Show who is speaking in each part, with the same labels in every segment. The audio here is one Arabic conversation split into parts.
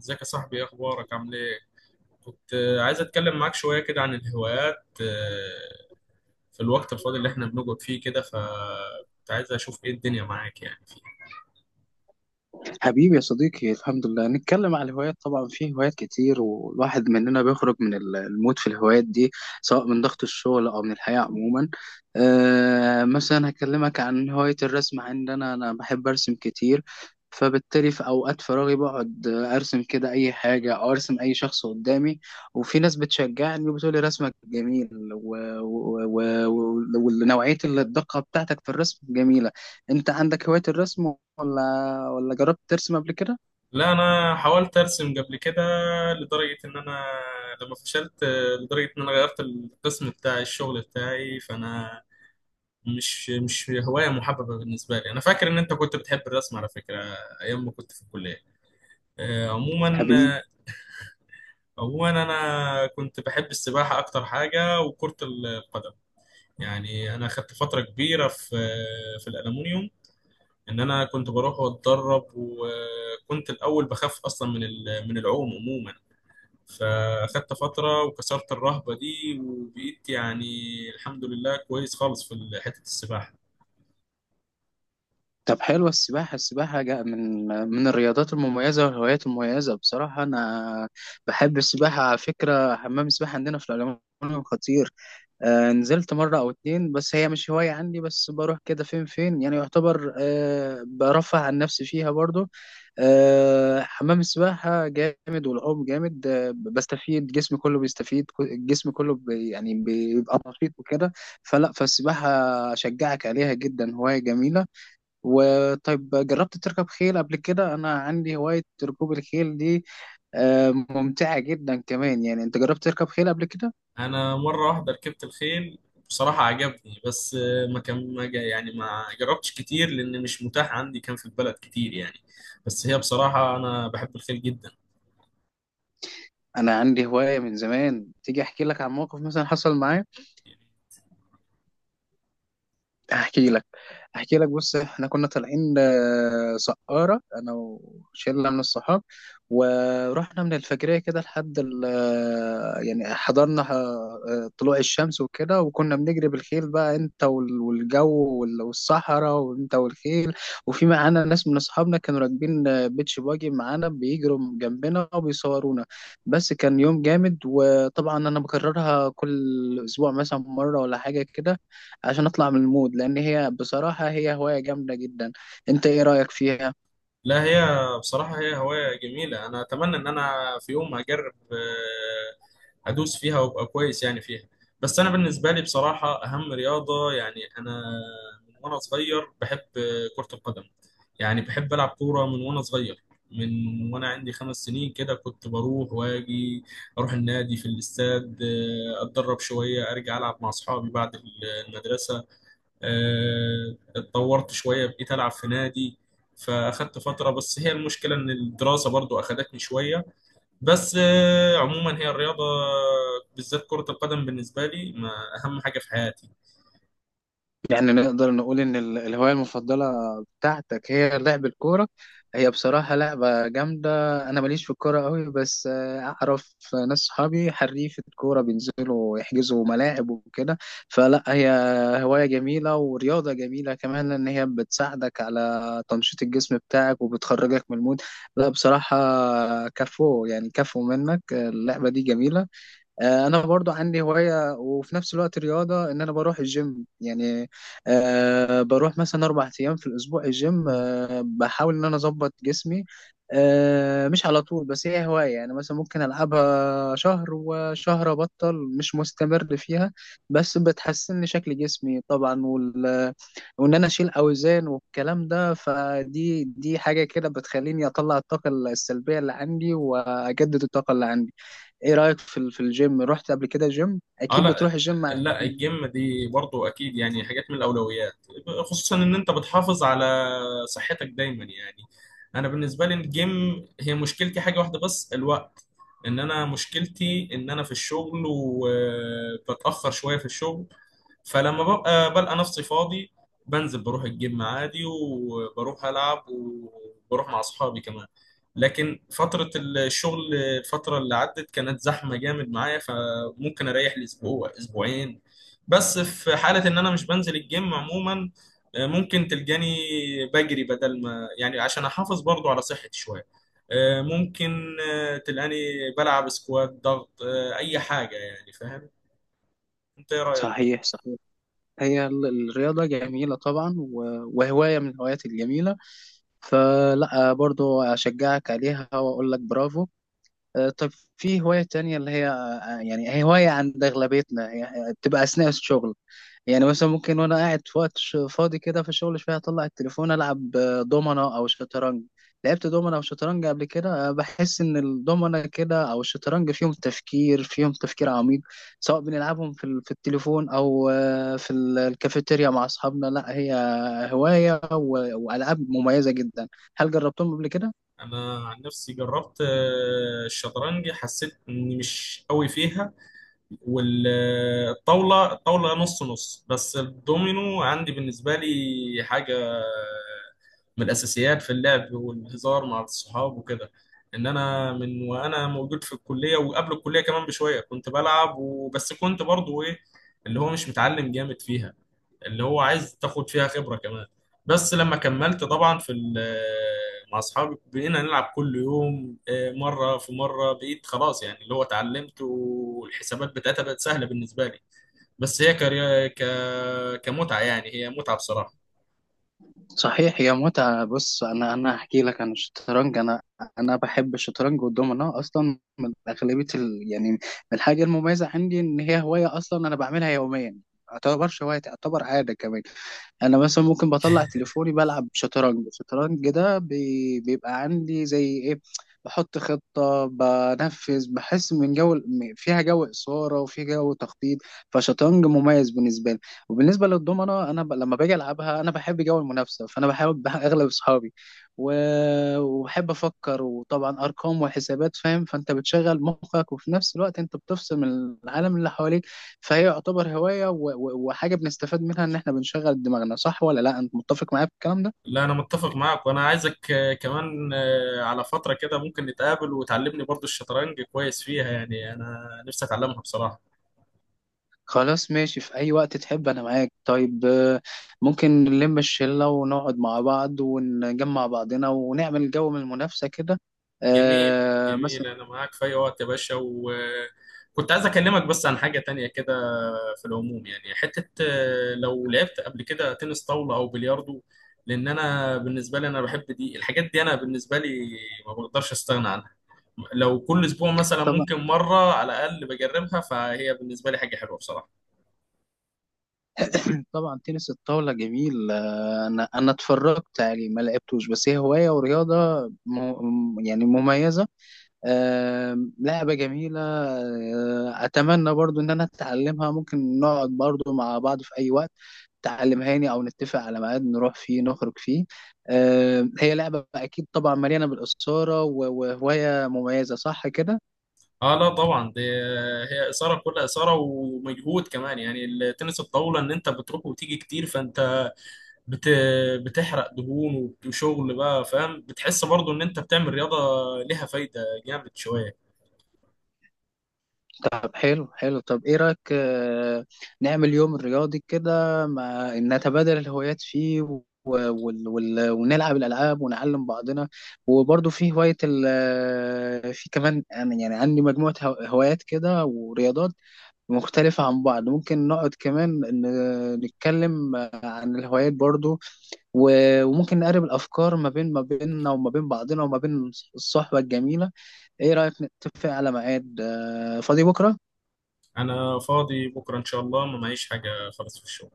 Speaker 1: ازيك يا صاحبي؟ ايه اخبارك؟ عامل ايه؟ كنت عايز اتكلم معاك شويه كده عن الهوايات في الوقت الفاضي اللي احنا بنقعد فيه كده كنت عايز اشوف ايه الدنيا معاك يعني.
Speaker 2: حبيبي يا صديقي، الحمد لله نتكلم على الهوايات. طبعا في هوايات كتير، والواحد مننا بيخرج من المود في الهوايات دي سواء من ضغط الشغل او من الحياة عموما. مثلا هكلمك عن هواية الرسم عندنا، انا بحب ارسم كتير، فبالتالي في اوقات فراغي بقعد ارسم كده اي حاجة، او ارسم اي شخص قدامي. وفي ناس بتشجعني وبتقولي رسمك جميل، ونوعية ونوعية الدقة بتاعتك في الرسم جميلة. انت عندك هواية الرسم، ولا ولا جربت ترسم قبل كده؟
Speaker 1: لا، انا حاولت ارسم قبل كده لدرجه ان انا لما فشلت، لدرجه ان انا غيرت القسم بتاع الشغل بتاعي، فانا مش هوايه محببه بالنسبه لي. انا فاكر ان انت كنت بتحب الرسم على فكره ايام ما كنت في الكليه. عموما،
Speaker 2: حبيبي.
Speaker 1: عموما انا كنت بحب السباحه اكتر حاجه، وكره القدم. يعني انا خدت فتره كبيره في الالومنيوم، ان انا كنت بروح واتدرب، وكنت الاول بخاف اصلا من من العوم عموما، فاخدت فتره وكسرت الرهبه دي، وبقيت يعني الحمد لله كويس خالص في حته السباحه.
Speaker 2: طب حلوة السباحة، السباحة من الرياضات المميزة والهوايات المميزة. بصراحة أنا بحب السباحة على فكرة، حمام السباحة عندنا في العلمانية خطير. آه، نزلت مرة أو اتنين، بس هي مش هواية عندي، بس بروح كده فين فين، يعني يعتبر برفع عن نفسي فيها برضو. آه، حمام السباحة جامد والعوم جامد، آه، بستفيد جسمي كله بيستفيد، الجسم كله يعني بيبقى نشيط وكده. فالسباحة أشجعك عليها جدا، هواية جميلة. وطيب، جربت تركب خيل قبل كده؟ أنا عندي هواية ركوب الخيل دي، آه، ممتعة جدا كمان. يعني أنت جربت تركب خيل قبل كده؟
Speaker 1: انا مره واحده ركبت الخيل، بصراحه عجبني، بس ما كان ما جا يعني ما جربتش كتير، لان مش متاح عندي، كان في البلد كتير يعني. بس هي بصراحه انا بحب الخيل جدا.
Speaker 2: انا عندي هواية من زمان، تيجي احكي لك عن موقف مثلا حصل معايا؟ احكي لك، احكي لك. بص، احنا كنا طالعين سقارة، انا وشلة من الصحاب، ورحنا من الفجرية كده لحد يعني حضرنا طلوع الشمس وكده، وكنا بنجري بالخيل بقى، انت والجو والصحراء، وانت والخيل. وفي معانا ناس من اصحابنا كانوا راكبين بيتش باجي معانا، بيجروا جنبنا وبيصورونا. بس كان يوم جامد، وطبعا انا بكررها كل اسبوع مثلا مرة ولا حاجة كده عشان اطلع من المود، لان هي بصراحة هي هواية جامدة جدا. انت ايه رأيك فيها؟
Speaker 1: لا، هي بصراحه هي هوايه جميله، انا اتمنى ان انا في يوم اجرب ادوس فيها وابقى كويس يعني فيها. بس انا بالنسبه لي بصراحه اهم رياضه، يعني انا من وانا صغير بحب كره القدم. يعني بحب العب كوره من وانا صغير، من وانا عندي 5 سنين كده كنت بروح واجي اروح النادي في الاستاد، اتدرب شويه ارجع العب مع اصحابي بعد المدرسه. اتطورت شويه بقيت العب في نادي، فاخدت فتره، بس هي المشكله ان الدراسه برضو اخدتني شويه. بس عموما هي الرياضة، بالذات كرة القدم بالنسبة لي، ما أهم حاجة في حياتي.
Speaker 2: يعني نقدر نقول ان الهواية المفضلة بتاعتك هي لعب الكورة. هي بصراحة لعبة جامدة، انا ماليش في الكورة قوي، بس اعرف ناس صحابي حريفة كورة بينزلوا يحجزوا ملاعب وكده. فلا، هي هواية جميلة ورياضة جميلة كمان، ان هي بتساعدك على تنشيط الجسم بتاعك وبتخرجك من المود. لا بصراحة، كفو يعني، كفو منك، اللعبة دي جميلة. آه، انا برضو عندي هواية وفي نفس الوقت رياضة، ان انا بروح الجيم يعني. أه، بروح مثلا اربع ايام في الاسبوع الجيم، أه، بحاول ان انا اظبط جسمي. أه، مش على طول، بس هي هواية يعني، مثلا ممكن العبها شهر وشهر ابطل، مش مستمر فيها. بس بتحسن لي شكل جسمي طبعا، وان انا اشيل اوزان والكلام ده، دي حاجة كده بتخليني اطلع الطاقة السلبية اللي عندي واجدد الطاقة اللي عندي. ايه رأيك في في الجيم؟ رحت قبل كده جيم؟
Speaker 1: اه،
Speaker 2: اكيد
Speaker 1: لا.
Speaker 2: بتروح الجيم
Speaker 1: لا، الجيم دي برضو أكيد يعني حاجات من الأولويات، خصوصا إن أنت بتحافظ على صحتك دايما يعني. أنا بالنسبة لي الجيم هي مشكلتي حاجة واحدة بس، الوقت، إن أنا مشكلتي إن أنا في الشغل وبتأخر شوية في الشغل. فلما ببقى بلقى نفسي فاضي بنزل بروح الجيم عادي، وبروح ألعب وبروح مع أصحابي كمان. لكن فترة الشغل، الفترة اللي عدت كانت زحمة جامد معايا، فممكن أريح لأسبوع أسبوعين. بس في حالة إن أنا مش بنزل الجيم عموما، ممكن تلجاني بجري بدل ما يعني عشان أحافظ برضو على صحتي شوية. ممكن تلقاني بلعب سكوات ضغط، أي حاجة، يعني فاهم. أنت إيه رأيك؟
Speaker 2: صحيح، صحيح. هي الرياضة جميلة طبعا، وهواية من الهوايات الجميلة، فلا برضو اشجعك عليها واقول لك برافو. آه، طب، في هواية تانية اللي هي، آه، يعني هي هواية عند اغلبيتنا، هي بتبقى اثناء الشغل. يعني مثلا ممكن وانا قاعد في وقت فاضي كده في الشغل شويه، اطلع التليفون العب، آه، دومنه او شطرنج. لعبت دومنه او شطرنج قبل كده؟ آه، بحس ان الدومنه كده او الشطرنج فيهم تفكير، فيهم تفكير عميق، سواء بنلعبهم في في التليفون او في الكافيتيريا مع اصحابنا. لا هي هوايه والعاب مميزه جدا. هل جربتهم قبل كده؟
Speaker 1: انا عن نفسي جربت الشطرنج، حسيت اني مش قوي فيها. والطاوله، الطاوله نص نص، بس الدومينو عندي بالنسبه لي حاجه من الاساسيات في اللعب والهزار مع الصحاب وكده. ان انا من وانا موجود في الكليه، وقبل الكليه كمان بشويه كنت بلعب، وبس كنت برضو ايه، اللي هو مش متعلم جامد فيها، اللي هو عايز تاخد فيها خبرة كمان. بس لما كملت طبعا مع اصحابي بقينا نلعب كل يوم، مرة في مرة بقيت خلاص، يعني اللي هو اتعلمت والحسابات بتاعتها بقت سهلة بالنسبة لي. بس هي كمتعة، يعني هي متعة بصراحة.
Speaker 2: صحيح، هي متعة. بص أنا، هحكي لك عن الشطرنج. أنا أنا بحب الشطرنج والدومينو أصلا، من أغلبية يعني من الحاجة المميزة عندي إن هي هواية أصلا أنا بعملها يوميا، ما تعتبرش هواية، تعتبر عادة كمان. انا مثلا ممكن بطلع تليفوني بلعب شطرنج، الشطرنج ده بيبقى عندي زي ايه، بحط خطة بنفذ، بحس من جو فيها جو إثارة وفيها جو تخطيط. فشطرنج مميز بالنسبة لي. وبالنسبة للضمنة، أنا لما باجي ألعبها أنا بحب جو المنافسة، فأنا بحاول أغلب أصحابي. و... وبحب أفكر، وطبعا أرقام وحسابات، فاهم؟ فأنت بتشغل مخك، وفي نفس الوقت أنت بتفصل من العالم اللي حواليك. فهي يعتبر هواية وحاجة بنستفاد منها، إن إحنا بنشغل دماغنا. صح ولا لأ؟ أنت متفق معايا في الكلام ده؟
Speaker 1: لا، انا متفق معاك، وانا عايزك كمان على فترة كده ممكن نتقابل وتعلمني برضو الشطرنج كويس فيها، يعني انا نفسي اتعلمها بصراحة.
Speaker 2: خلاص، ماشي، في أي وقت تحب أنا معاك. طيب، آه، ممكن نلم الشلة ونقعد مع بعض ونجمع بعضنا ونعمل جو من المنافسة كده،
Speaker 1: جميل
Speaker 2: آه،
Speaker 1: جميل،
Speaker 2: مثلا.
Speaker 1: انا معاك في اي وقت يا باشا، وكنت عايز اكلمك بس عن حاجه تانية كده في العموم، يعني حته لو لعبت قبل كده تنس طاوله او بلياردو. لان انا بالنسبه لي انا بحب دي الحاجات دي، انا بالنسبه لي ما بقدرش استغنى عنها. لو كل اسبوع مثلا
Speaker 2: طبعا.
Speaker 1: ممكن مره على الاقل بجربها، فهي بالنسبه لي حاجه حلوه بصراحه.
Speaker 2: طبعا تنس الطاولة جميل، آه، أنا أنا اتفرجت عليه، ما لعبتوش، بس هي هواية ورياضة يعني مميزة. آم، لعبة جميلة، آه، أتمنى برضو إن أنا أتعلمها، ممكن نقعد برضو مع بعض في أي وقت تعلمهاني، أو نتفق على ميعاد نروح فيه نخرج فيه. آم، هي لعبة أكيد طبعا مليانة بالإثارة، وهواية مميزة، صح كده؟
Speaker 1: اه لا طبعا، دي هي اثاره، كلها اثاره ومجهود كمان، يعني التنس الطاوله ان انت بتروح وتيجي كتير، فانت بت... بتحرق دهون، وشغل بقى فاهم، بتحس برضو ان انت بتعمل رياضة ليها فايدة، جامد شوية.
Speaker 2: طب حلو، حلو. طب ايه رأيك، آه، نعمل يوم رياضي كده، ما نتبادل الهوايات فيه، ونلعب الألعاب ونعلم بعضنا. وبرضه في هواية ال... آه، في كمان يعني عندي مجموعة هوايات كده ورياضات مختلفة عن بعض، ممكن نقعد كمان نتكلم عن الهوايات برضو، وممكن نقرب الأفكار ما بين، ما بيننا وما بين بعضنا وما بين الصحبة الجميلة. إيه رأيك نتفق على ميعاد، آه، فاضي بكرة؟
Speaker 1: انا فاضي بكرة ان شاء الله، ما معيش حاجة خالص في الشغل.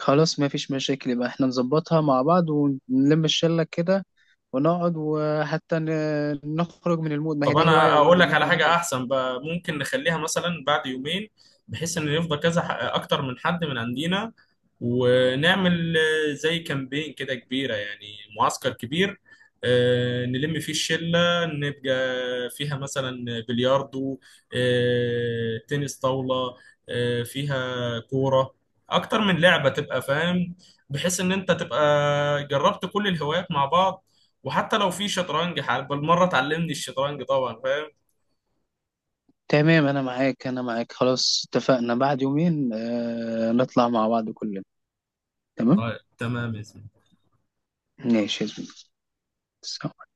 Speaker 2: خلاص، مفيش مشاكل، يبقى احنا نظبطها مع بعض ونلم الشلة كده ونقعد، وحتى نخرج من المود، ما هي
Speaker 1: طب،
Speaker 2: دي هواية
Speaker 1: انا اقول
Speaker 2: برضه ان
Speaker 1: لك على
Speaker 2: احنا
Speaker 1: حاجه
Speaker 2: نخرج.
Speaker 1: احسن بقى، ممكن نخليها مثلا بعد يومين، بحيث ان يفضى كذا اكتر من حد من عندنا، ونعمل زي كامبين كده كبيره، يعني معسكر كبير، نلم فيه الشله، نبقى فيها مثلا بلياردو، تنس طاوله، فيها كوره، اكتر من لعبه، تبقى فاهم بحيث ان انت تبقى جربت كل الهوايات مع بعض، وحتى لو في شطرنج حال بالمره تعلمني الشطرنج طبعا فاهم.
Speaker 2: تمام، انا معاك، انا معاك، خلاص، اتفقنا بعد يومين اه نطلع مع بعض كلنا. تمام.
Speaker 1: طيب، تمام يا زميلي.
Speaker 2: ماشي يا زميلي.